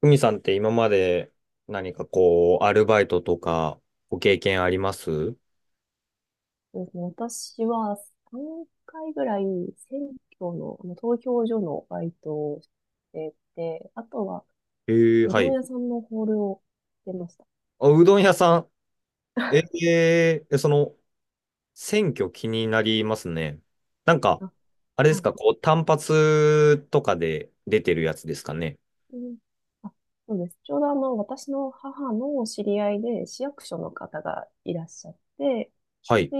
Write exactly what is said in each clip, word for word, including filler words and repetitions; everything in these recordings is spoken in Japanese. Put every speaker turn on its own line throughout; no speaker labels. ふみさんって今まで、何かこう、アルバイトとかご経験あります？
そうですね。私はさんかいぐらい選挙の、あの投票所のバイトをしてて、あとは
えー、
う
は
どん
い。
屋さんのホールをしてました。
あ、うどん屋さん。えー、えその、選挙気になりますね。なんか、
あ、
あれで
は
す
い。
か、こう、単発とかで出てるやつですかね？
うん、あ、そうです。ちょうどあの、私の母の知り合いで市役所の方がいらっしゃって、
はい。
で、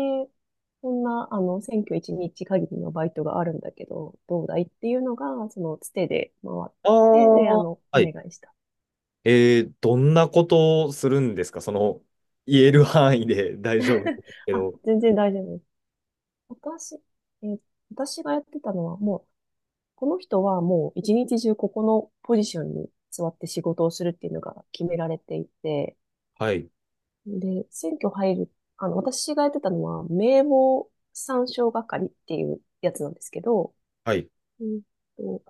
こんな、あの、選挙いちにち限りのバイトがあるんだけど、どうだいっていうのが、その、つてで回って
あ
きて、で、あ
あ、
の、
は
お
い。
願いした。
えー、どんなことをするんですか？その、言える範囲で 大丈夫で すけ
あ、
ど。
全然大丈夫です。私、えー私がやってたのはもう、この人はもう一日中ここのポジションに座って仕事をするっていうのが決められていて、
はい。
で、選挙入る、あの、私がやってたのは名簿参照係っていうやつなんですけど、
はい。
うんと、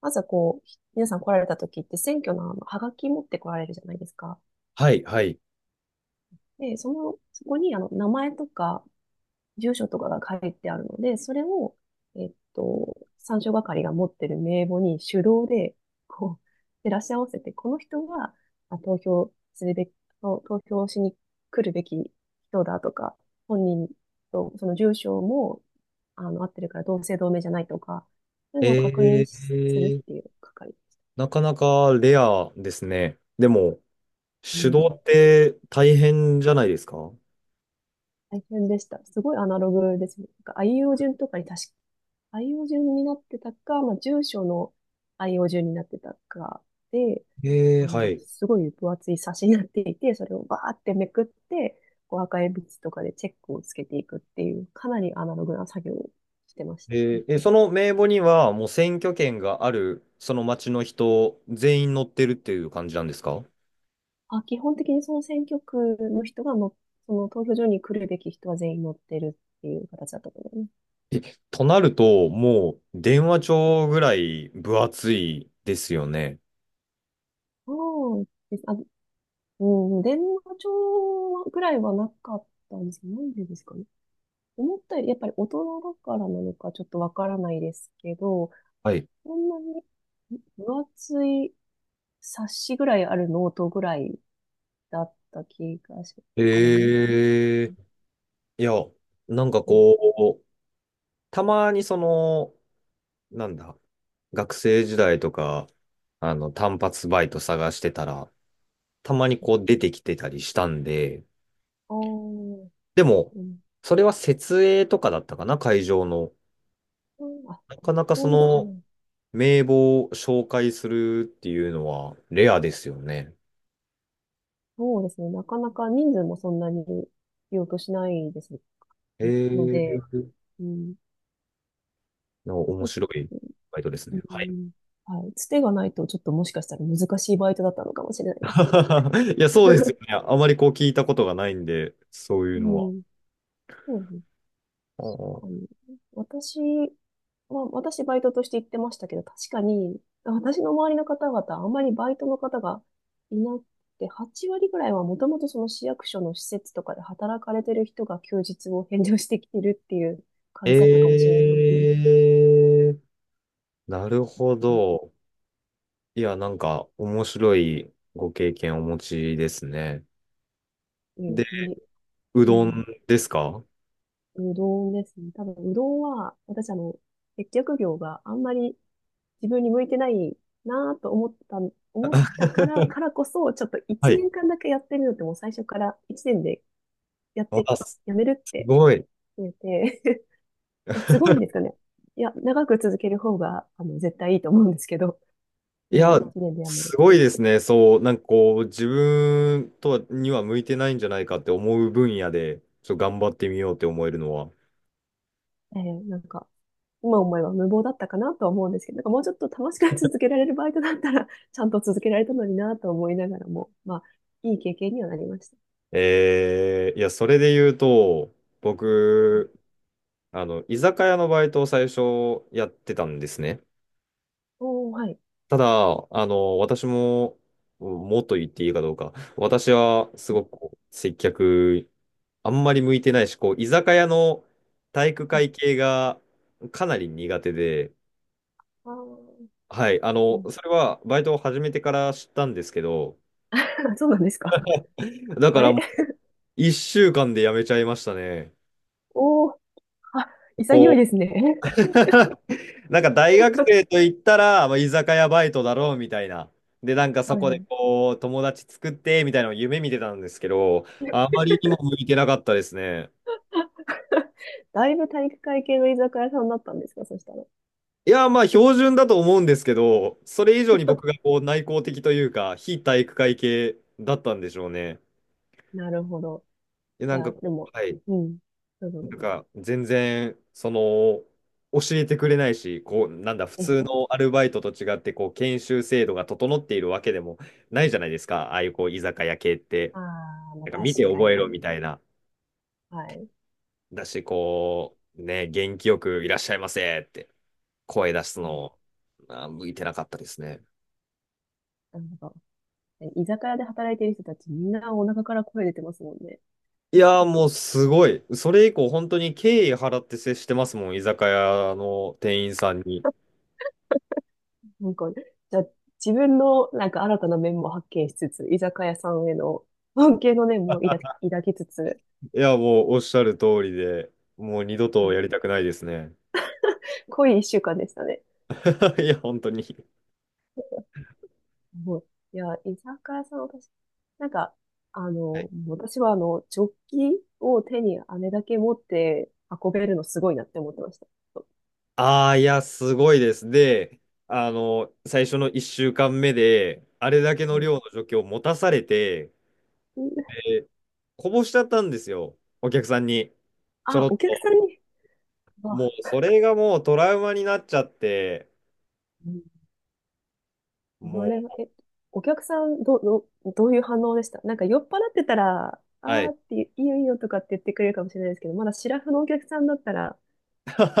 まずはこう、皆さん来られた時って選挙のあの、はがき持って来られるじゃないですか。
はい。はい。
で、その、そこにあの、名前とか、住所とかが書いてあるので、それを、えっと、参照係が持ってる名簿に手動で、こう、照らし合わせて、この人は、あ、投票するべき、投投票しに来るべき人だとか、本人とその住所も、あの、合ってるから同姓同名じゃないとか、そういうのを
え
確認しする
ー、
っていう係。
なかなかレアですね。でも、
う
手動
ん、
って大変じゃないですか？
大変でした。すごいアナログですね。なんか、あいうえお順とかに確か、あいうえお順になってたか、まあ、住所のあいうえお順になってたかで、
ええ、
あ
は
の、
い。
すごい分厚い冊子になっていて、それをバーってめくって、こう赤鉛筆とかでチェックをつけていくっていう、かなりアナログな作業をしてました
え
ね。
え、その名簿にはもう選挙権がある、その町の人全員乗ってるっていう感じなんですか？
あ、基本的にその選挙区の人がの、その投票所に来るべき人は全員乗ってるっていう形だったと思います。
え、となると、もう電話帳ぐらい分厚いですよね。
そうです。あ、うん、電話帳ぐらいはなかったんですけど、なんでですかね。思ったより、やっぱり大人だからなのかちょっとわからないですけど、
はい。
こんなに分厚い冊子ぐらいあるノートぐらいだった気がし、あれも、
ええ、いや、なんか
うん、
こう、たまにその、なんだ、学生時代とか、あの、単発バイト探してたら、たまにこう出てきてたりしたんで、
あー、
でも、
うん、
それは設営とかだったかな、会場の。
うん、あ、
なかなか、そ
当日じゃな
の
い。
名簿を紹介するっていうのはレアですよね。
そうですね。なかなか人数もそんなに必要としないです
え
ので、
ー、
うん、
の面白いバイトです
う
ね。はい。
ん。はい。つてがないと、ちょっともしかしたら難しいバイトだったのかもしれないですね。
いや、そうですよ ね。あまりこう聞いたことがないんで、そうい
う
うのは。
ん。そうです
あー、
ね。私は、私バイトとして行ってましたけど、確かに、私の周りの方々、あんまりバイトの方がいなくて、はち割ぐらいはもともとその市役所の施設とかで働かれてる人が休日を返上してきてるっていう感じだったかもしれないです。
えー、なるほど。いや、なんか面白いご経験をお持ちですね。
う
で、
ん、無理。
う
う
ど
ん。
んですか？
うどんですね。多分、うどんは、私あの、接客業があんまり自分に向いてないなぁと思った、思ったから、から こそ、ちょっと
は
1
い。
年間だけやってみようって、もう最初からいちねんでやって、
あ、す
やめるっ
す
て
ごい。
決めて、いや、すごいんですかね。いや、長く続ける方が、あの、絶対いいと思うんですけど、
い
も
や、
ういちねんでやめるっ
すご
て。
いですね。そう、なんかこう、自分とはには向いてないんじゃないかって思う分野で、ちょっと頑張ってみようって思えるのは。
えーなんか、今思えば無謀だったかなとは思うんですけど、なんかもうちょっと楽しく続けられるバイトだったら、ちゃんと続けられたのになぁと思いながらも、まあ、いい経験にはなりました。
えー、いや、それで言うと、
うん、
僕、あの、居酒屋のバイトを最初やってたんですね。
おー、はい。
ただ、あの、私も、もっと言っていいかどうか、私はすごくこう接客あんまり向いてないし、こう、居酒屋の体育
うん、
会系がかなり苦手で、
あー、
はい、あ
う
の、
ん、
それはバイトを始めてから知ったんですけど、
そうなんですか。
だか
あ
ら
れ。
いっしゅうかんで辞めちゃいましたね。
おー、あ、
こ
潔い
う、
ですね。
なんか大学生 と言ったら、まあ、居酒屋バイトだろうみたいな。で、なんかそ
はい
こ
は
で
い。
こう、友達作ってみたいなのを夢見てたんですけど、あまりにも向いてなかったですね。
だいぶ体育会系の居酒屋さんだったんですか、そしたら。
いや、まあ、標準だと思うんですけど、それ以上に僕がこう内向的というか、非体育会系だったんでしょうね。
なるほど。
で、
じ
なん
ゃ
か
あ、で
こ
も、
う、はい、
うん。そうそうそ
な
う。
んか全然、その、教えてくれないし、こう、なんだ、普
え
通
え、
のアルバイトと違って、こう、研修制度が整っているわけでもないじゃないですか、ああいうこう、居酒屋系って。
ああ、まあ
なんか見て
確か
覚えろ
に。
みたいな。
はい。
だし、こう、ね、元気よくいらっしゃいませって声出す
うん、
の、あ、向いてなかったですね。
なるほど。居酒屋で働いてる人たち、みんなお腹から声出てますもんね。
いや ー、もうすごい。それ以降本当に敬意払って接してますもん、居酒屋の店員さんに。い
なんか、じゃあ、自分のなんか新たな面も発見しつつ、居酒屋さんへの関係の念も抱き、抱きつつ、
や、もうおっしゃる通りで、もう二度
う
と
ん、
やりたくないですね。
濃い一週間でしたね。
いや、本当に。
もう、いや、居酒屋さん、私、なんか、あの、私は、あの、ジョッキを手にあれだけ持って運べるのすごいなって思ってました。
ああ、いや、すごいです。で、あの、最初のいっしゅうかんめで、あれだけ
は
の
い、
量の除去を持たされて、で、こぼしちゃったんですよ、お客さんに。ちょ
あ、
ろっ
お客
と。
さんに、
も
わ、
う、それがもうトラウマになっちゃって、
うん、これ
も
は、え、お客さん、ど、ど、どういう反応でした？なんか酔っ払ってたら、あ
う、は
ー
い。
って、いいよいいよとかって言ってくれるかもしれないですけど、まだシラフのお客さんだったら、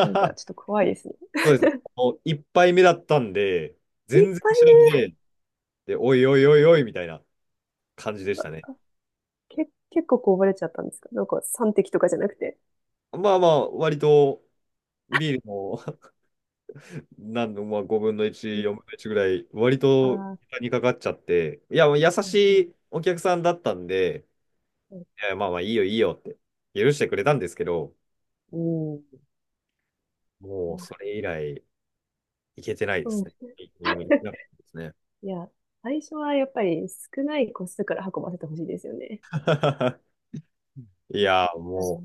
なんか ちょっと怖いですね。
そうです。あの、いっぱいめだったんで、
一
全然
杯
知らんで、で、おいおいおいおいみたいな感じでしたね。
目、け、結構こぼれちゃったんですか？なんかさん滴とかじゃなくて。
まあまあ、割とビールも 何の、まあ、ごぶんのいち、
う
4
わ、
分のいちぐらい、割
あ
と
ー。
にかかっちゃって、いや、もう優
は
し
い、
いお客さんだったんで、
うん。
いや、まあまあ、いいよいいよって、許してくれたんですけど、
い
もう
や、
それ以来、行けてないで
そ
す
う。
ね。いいけてなかっ たですね。
いや、最初はやっぱり少ない個数から運ばせてほしいですよね。
い
うん。
やー、も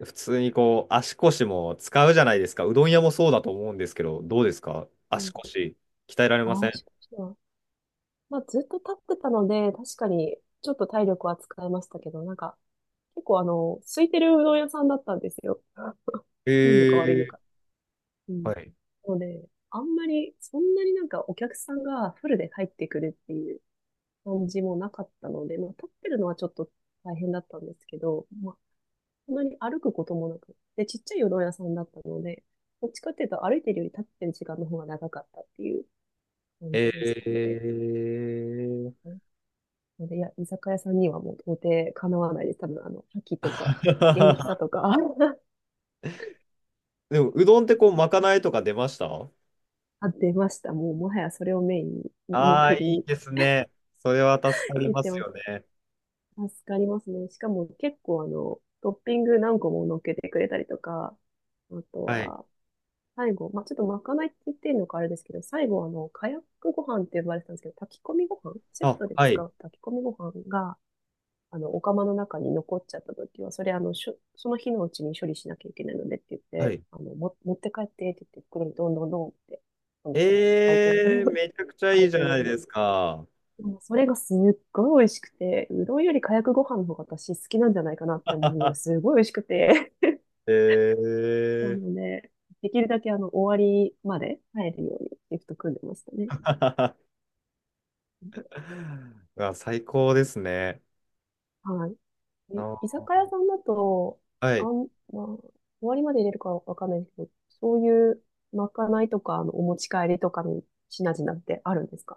う、普通にこう、足腰も使うじゃないですか。うどん屋もそうだと思うんですけど、どうですか、
う
足
ん。
腰鍛えられ
あ
ませ
あ、し
ん？
かしは、まあ、ずっと立ってたので、確かにちょっと体力は使いましたけど、なんか、結構あの、空いてるうどん屋さんだったんですよ。
え
いいのか悪いの
ー、
か。う
は
ん。
い。
なので、あんまり、そんなになんかお客さんがフルで入ってくるっていう感じもなかったので、まあ、立ってるのはちょっと大変だったんですけど、まあ、本当に歩くこともなく。で、ちっちゃい夜ど屋さんだったので、どっちかっていうと歩いてるより立ってる時間の方が長かったっていう感
え
じでしたね。
ー。
うん、で、いや、居酒屋さんにはもう到底かなわないです。多分、あの、覇気とか、元気 さとか
でも、うどんってこう、まかないとか出ました？
あ、出ました。もう、もはやそれをメインに、目
ああ
的
ー、いい
に
ですね。それは助かり
言っ
ま
て
す
まし
よね。
た。助かりますね。しかも結構、あの、トッピング何個も乗っけてくれたりとか、あと
はい。
は、最後、まあ、ちょっとまかないって言ってるのかあれですけど、最後、あの、カヤックご飯って呼ばれてたんですけど、炊き込みご飯、セッ
あ、
トで
は
使
い。
う炊き込みご飯が、あの、お釜の中に残っちゃった時は、それ、あの、しょ、その日のうちに処理しなきゃいけないのでって言っ
は
て、
い。
あの、も、持って帰ってって言って、袋にどんどんどんって、その、バイトの、
えー、めちゃくちゃ
バ
いい
イ
じゃ
ト
な
用
いで
に。
すか。
もうそれがすっごい美味しくて、うどんよりかやくご飯の方が私好きなんじゃないかなって思うぐらい、すごい美味しくて。
え
な
ー。
ので、できるだけあの、終わりまで入るようにシフト組んでましたね。
うわ、最高ですね。
はい。え居
あ、
酒屋さんだと、
は
あ
い。
ん、まあ、終わりまで入れるかわかんないですけど、そういうまかないとか、あの、お持ち帰りとかの品々ってあるんですか？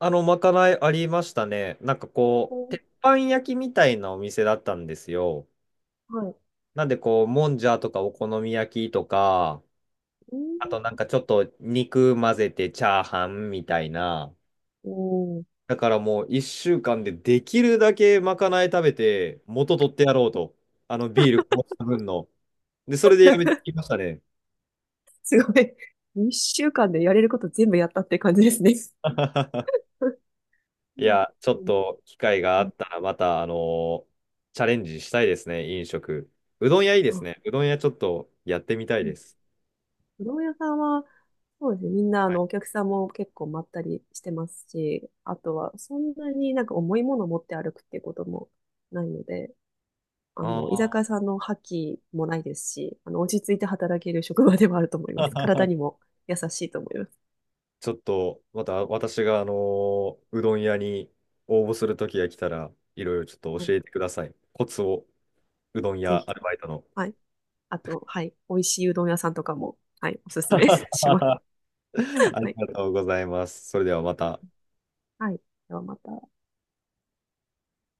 あの、まかないありましたね。なんかこ
う
う、
ん、
鉄板焼きみたいなお店だったんですよ。
はい。
なんでこう、もんじゃとかお好み焼きとか、
う
あと
ん、
なんかちょっと肉混ぜてチャーハンみたいな。
うん
だからもう一週間でできるだけまかない食べて、元取ってやろうと。あのビールこぼした分の。で、それでやめてき ましたね。
すごい。一週間でやれること全部やったって感じですね。
い
うん、
や、ちょ
う
っ
ん、
と機会が
う
あ
ん、
ったら、また、あのーチャレンジしたいですね、飲食。うどん屋いいで
あ、
すね。うどん屋ちょっとやってみたいです。
うどん屋さんは、そうですね。みんな、あ
は
の、
い。
お客さんも結構まったりしてますし、あとは、そんなになんか重いもの持って歩くっていうこともないので、あ
あ
の、居酒屋
あ。
さんの覇気もないですし、あの、落ち着いて働ける職場ではあると思います。体に も優しいと思います。
ちょっと、また私が、あのーうどん屋に応募する時が来たら、いろいろちょっと
う
教
ん、
えてください。コツを、うどん
ぜ
屋アル
ひ。
バイトの。
はい。あと、はい。美味しいうどん屋さんとかも、はい。おすすめ します。
あ
は
り
い。
がとうございます。それではまた。
はい。ではまた。